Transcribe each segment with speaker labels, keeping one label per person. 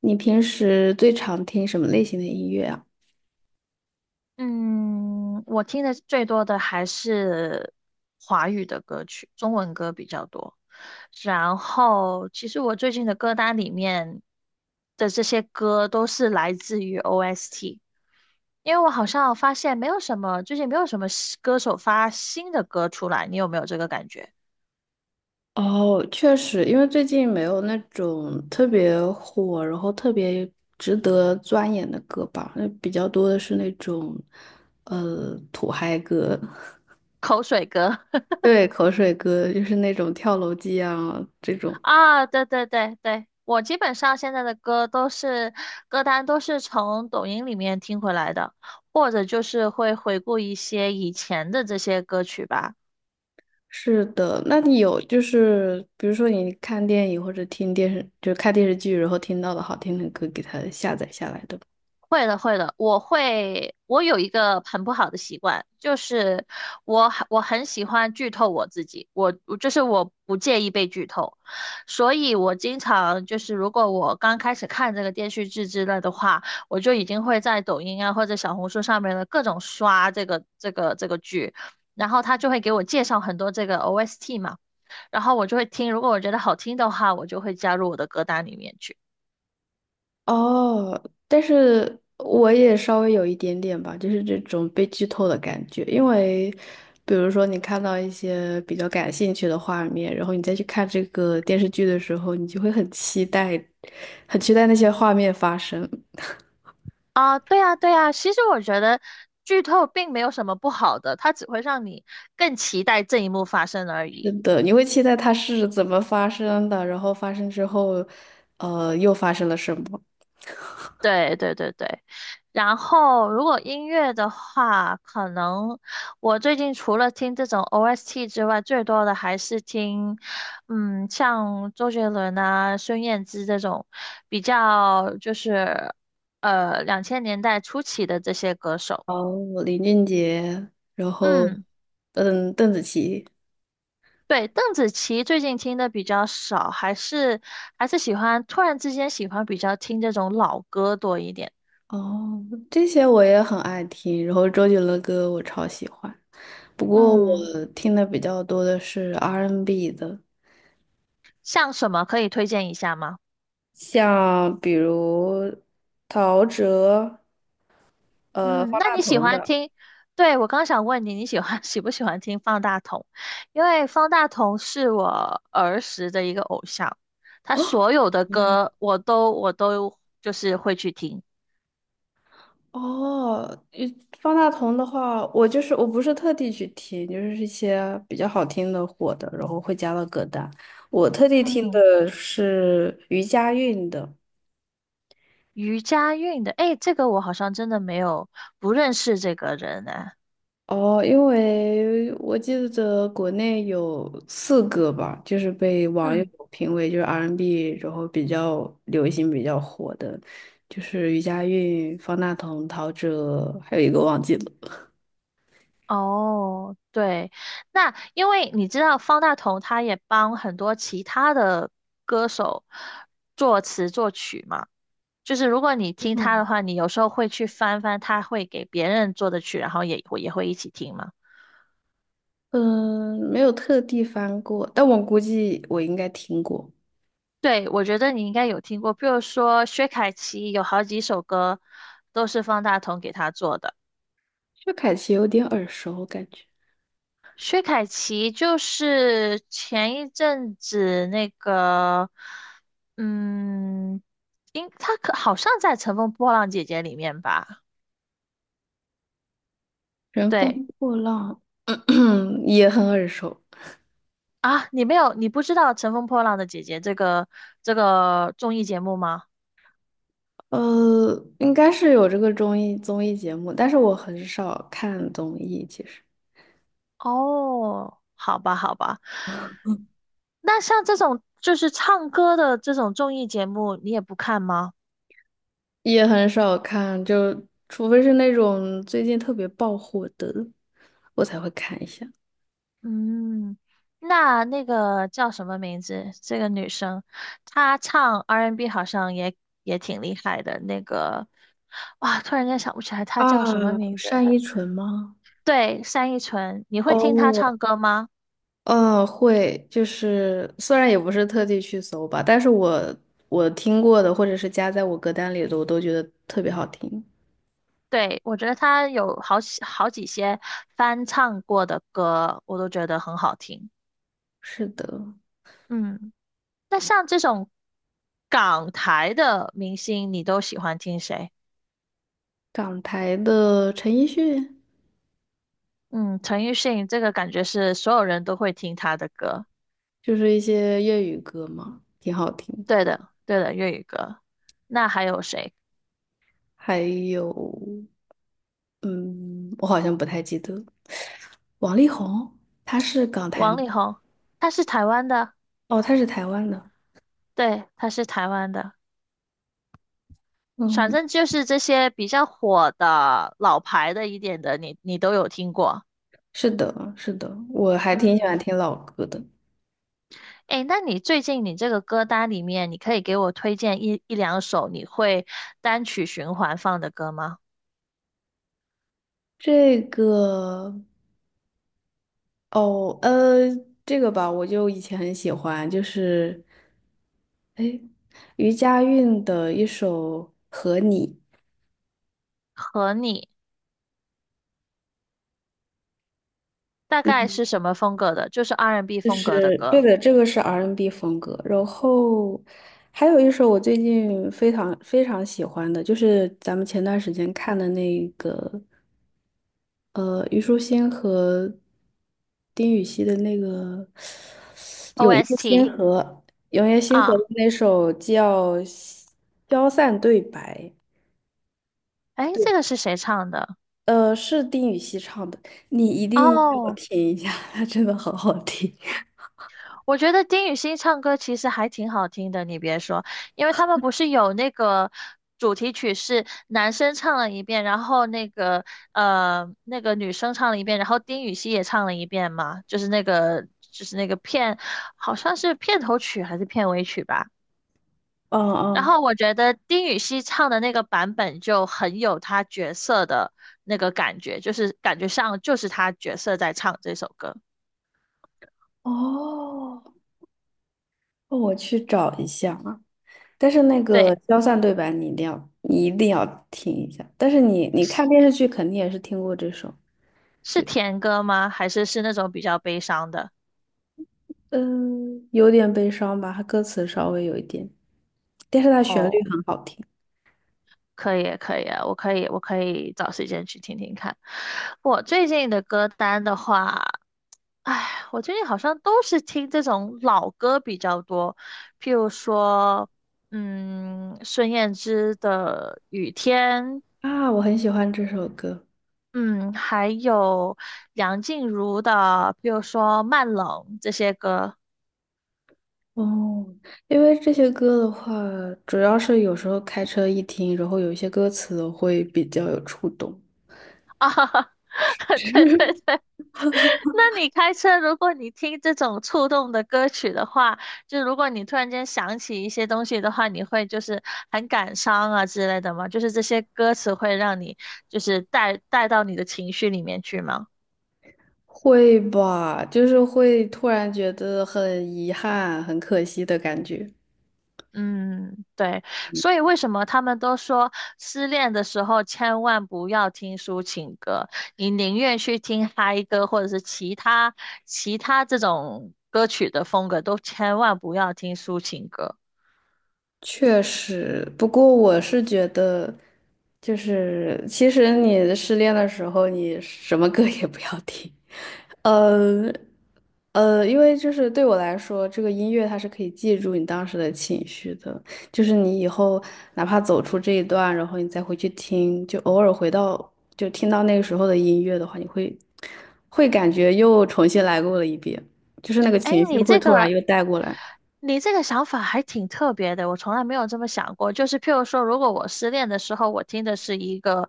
Speaker 1: 你平时最常听什么类型的音乐啊？
Speaker 2: 嗯，我听的最多的还是华语的歌曲，中文歌比较多。然后，其实我最近的歌单里面的这些歌都是来自于 OST，因为我好像发现没有什么，最近没有什么新歌手发新的歌出来，你有没有这个感觉？
Speaker 1: 哦，确实，因为最近没有那种特别火，然后特别值得钻研的歌吧，那比较多的是那种，土嗨歌。
Speaker 2: 口水歌。
Speaker 1: 对，口水歌，就是那种跳楼机啊这种。
Speaker 2: 啊，对对对对，我基本上现在的歌都是歌单都是从抖音里面听回来的，或者就是会回顾一些以前的这些歌曲吧。
Speaker 1: 是的，那你有就是比如说你看电影或者听电视，就是看电视剧，然后听到的好听的歌，给它下载下来的吗？
Speaker 2: 会的，会的，我会，我有一个很不好的习惯，就是我很喜欢剧透我自己，我就是我不介意被剧透，所以我经常就是如果我刚开始看这个电视剧之类的话，我就已经会在抖音啊或者小红书上面的各种刷这个剧，然后他就会给我介绍很多这个 OST 嘛，然后我就会听，如果我觉得好听的话，我就会加入我的歌单里面去。
Speaker 1: 哦，但是我也稍微有一点点吧，就是这种被剧透的感觉，因为比如说你看到一些比较感兴趣的画面，然后你再去看这个电视剧的时候，你就会很期待，很期待那些画面发生。
Speaker 2: 啊，对啊，对啊，其实我觉得剧透并没有什么不好的，它只会让你更期待这一幕发生而
Speaker 1: 是
Speaker 2: 已。
Speaker 1: 的，你会期待它是怎么发生的，然后发生之后，又发生了什么？
Speaker 2: 对对对对，然后如果音乐的话，可能我最近除了听这种 OST 之外，最多的还是听，像周杰伦啊、孙燕姿这种比较就是两千年代初期的这些歌手。
Speaker 1: 哦，林俊杰，然后，
Speaker 2: 嗯。
Speaker 1: 嗯，邓紫棋。
Speaker 2: 对，邓紫棋最近听的比较少，还是喜欢突然之间喜欢比较听这种老歌多一点。
Speaker 1: 哦，这些我也很爱听，然后周杰伦的歌我超喜欢，不过
Speaker 2: 嗯，
Speaker 1: 我听的比较多的是 R&B N 的，
Speaker 2: 像什么可以推荐一下吗？
Speaker 1: 像比如陶喆、
Speaker 2: 嗯，
Speaker 1: 方
Speaker 2: 那
Speaker 1: 大
Speaker 2: 你喜
Speaker 1: 同
Speaker 2: 欢
Speaker 1: 的。
Speaker 2: 听？对，我刚想问你，你喜欢 喜不喜欢听方大同？因为方大同是我儿时的一个偶像，他所有的
Speaker 1: 嗯，
Speaker 2: 歌我都就是会去听。
Speaker 1: 哦，方大同的话，我就是我不是特地去听，就是一些比较好听的火的，然后会加到歌单。我特地听
Speaker 2: 嗯，
Speaker 1: 的是余佳运的。
Speaker 2: 余佳运的，诶，这个我好像真的没有不认识这个人呢。
Speaker 1: 哦，因为我记得国内有四个吧，就是被网友
Speaker 2: 嗯。
Speaker 1: 评为就是 R&B，N 然后比较流行、比较火的，就是余佳韵、方大同、陶喆，还有一个忘记了。
Speaker 2: 哦，对，那因为你知道方大同他也帮很多其他的歌手作词作曲嘛，就是如果你听他
Speaker 1: 哦，
Speaker 2: 的话，你有时候会去翻翻他会给别人做的曲，然后也会一起听嘛。
Speaker 1: 嗯，没有特地翻过，但我估计我应该听过。
Speaker 2: 对，我觉得你应该有听过，比如说薛凯琪有好几首歌都是方大同给他做的。
Speaker 1: 薛凯琪有点耳熟，感觉
Speaker 2: 薛凯琪就是前一阵子那个，嗯，应她可好像在《乘风破浪姐姐》里面吧？
Speaker 1: 《乘风
Speaker 2: 对
Speaker 1: 破浪》也很耳熟。
Speaker 2: 啊，你没有，你不知道《乘风破浪的姐姐》这个综艺节目吗？
Speaker 1: 呃，应该是有这个综艺节目，但是我很少看综艺，其实
Speaker 2: 哦，好吧，好吧，那像这种就是唱歌的这种综艺节目，你也不看吗？
Speaker 1: 也很少看，就除非是那种最近特别爆火的，我才会看一下。
Speaker 2: 嗯，那那个叫什么名字？这个女生，她唱 R&B N 好像也也挺厉害的。那个，哇，突然间想不起来她
Speaker 1: 啊，
Speaker 2: 叫什么名字。
Speaker 1: 单依纯吗？
Speaker 2: 对，单依纯，你会听她
Speaker 1: 哦，
Speaker 2: 唱歌吗？
Speaker 1: 嗯，会，就是虽然也不是特地去搜吧，但是我听过的或者是加在我歌单里的，我都觉得特别好听。
Speaker 2: 对，我觉得她有好几些翻唱过的歌，我都觉得很好听。
Speaker 1: 是的，
Speaker 2: 嗯，那像这种港台的明星，你都喜欢听谁？
Speaker 1: 港台的陈奕迅。
Speaker 2: 嗯，陈奕迅这个感觉是所有人都会听他的歌。
Speaker 1: 就是一些粤语歌嘛，挺好听的。
Speaker 2: 对的，对的，粤语歌。那还有谁？
Speaker 1: 还有，嗯，我好像不太记得了。王力宏，他是港台
Speaker 2: 王
Speaker 1: 吗？
Speaker 2: 力宏，他是台湾的，
Speaker 1: 哦，他是台湾的。
Speaker 2: 对，他是台湾的。反
Speaker 1: 嗯，
Speaker 2: 正就是这些比较火的、老牌的一点的，你都有听过。
Speaker 1: 是的，是的，我还挺喜欢
Speaker 2: 嗯，
Speaker 1: 听老歌的。
Speaker 2: 诶，那你最近你这个歌单里面，你可以给我推荐一两首你会单曲循环放的歌吗？
Speaker 1: 这个，哦，这个吧，我就以前很喜欢，就是，哎，余佳运的一首《和你》。
Speaker 2: 和你大概
Speaker 1: 嗯，
Speaker 2: 是什么风格的？就是 R&B
Speaker 1: 就
Speaker 2: 风格的
Speaker 1: 是对
Speaker 2: 歌
Speaker 1: 的，这个是 R&B n 风格。然后还有一首我最近非常非常喜欢的，就是咱们前段时间看的那个，虞书欣和丁禹兮的那个《永夜星
Speaker 2: ，OST
Speaker 1: 河》，《永夜星河》的
Speaker 2: 啊。
Speaker 1: 那首叫《消散对白》。
Speaker 2: 诶，这
Speaker 1: 对，
Speaker 2: 个是谁唱的？
Speaker 1: 是丁禹兮唱的，你一定要
Speaker 2: 哦
Speaker 1: 听一下，他真的好好听。
Speaker 2: 我觉得丁禹兮唱歌其实还挺好听的，你别说，因为他们不是有那个主题曲是男生唱了一遍，然后那个那个女生唱了一遍，然后丁禹兮也唱了一遍嘛，就是那个就是那个片，好像是片头曲还是片尾曲吧。
Speaker 1: 嗯
Speaker 2: 然
Speaker 1: 嗯，
Speaker 2: 后我觉得丁禹兮唱的那个版本就很有他角色的那个感觉，就是感觉上就是他角色在唱这首歌。
Speaker 1: 哦。哦，我去找一下啊。但是那
Speaker 2: 对。
Speaker 1: 个消散对白你一定要，你一定要听一下。但是你看电视剧肯定也是听过这首。
Speaker 2: 是
Speaker 1: 对，
Speaker 2: 甜歌吗？还是是那种比较悲伤的？
Speaker 1: 嗯，有点悲伤吧，它歌词稍微有一点，但是它旋律
Speaker 2: 哦，
Speaker 1: 很好听。
Speaker 2: 可以，可以啊，我可以，我可以找时间去听听看。我最近的歌单的话，唉，我最近好像都是听这种老歌比较多，譬如说，孙燕姿的《雨天》，
Speaker 1: 啊，我很喜欢这首歌。
Speaker 2: 嗯，还有梁静茹的，譬如说《慢冷》这些歌
Speaker 1: 哦，因为这些歌的话，主要是有时候开车一听，然后有一些歌词会比较有触动。
Speaker 2: 啊，对对 对，那你开车，如果你听这种触动的歌曲的话，就如果你突然间想起一些东西的话，你会就是很感伤啊之类的吗？就是这些歌词会让你就是带到你的情绪里面去吗？
Speaker 1: 会吧，就是会突然觉得很遗憾、很可惜的感觉。
Speaker 2: 嗯，对，所以为什么他们都说失恋的时候千万不要听抒情歌，你宁愿去听嗨歌或者是其他这种歌曲的风格，都千万不要听抒情歌。
Speaker 1: 确实，不过我是觉得，就是其实你失恋的时候，你什么歌也不要听，呃因为就是对我来说，这个音乐它是可以记住你当时的情绪的，就是你以后哪怕走出这一段，然后你再回去听，就偶尔回到就听到那个时候的音乐的话，你会感觉又重新来过了一遍，就是那个
Speaker 2: 哎，
Speaker 1: 情绪
Speaker 2: 你
Speaker 1: 会
Speaker 2: 这
Speaker 1: 突然
Speaker 2: 个，
Speaker 1: 又带过来。
Speaker 2: 你这个想法还挺特别的，我从来没有这么想过。就是譬如说，如果我失恋的时候，我听的是一个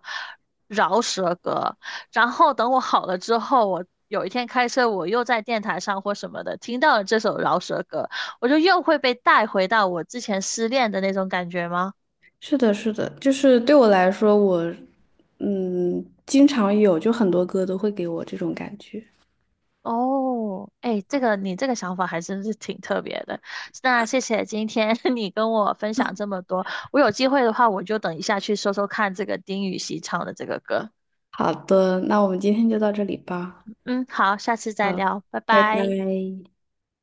Speaker 2: 饶舌歌，然后等我好了之后，我有一天开车，我又在电台上或什么的听到了这首饶舌歌，我就又会被带回到我之前失恋的那种感觉吗？
Speaker 1: 是的，是的，就是对我来说，我经常有，就很多歌都会给我这种感觉。
Speaker 2: 哦，哎，这个你这个想法还真是挺特别的。那谢谢今天 你跟我分享这么多，我有机会的话，我就等一下去搜搜看这个丁禹兮唱的这个歌。
Speaker 1: 好的，那我们今天就到这里吧。
Speaker 2: 嗯，好，下次再
Speaker 1: 好，
Speaker 2: 聊，拜
Speaker 1: 拜拜。
Speaker 2: 拜。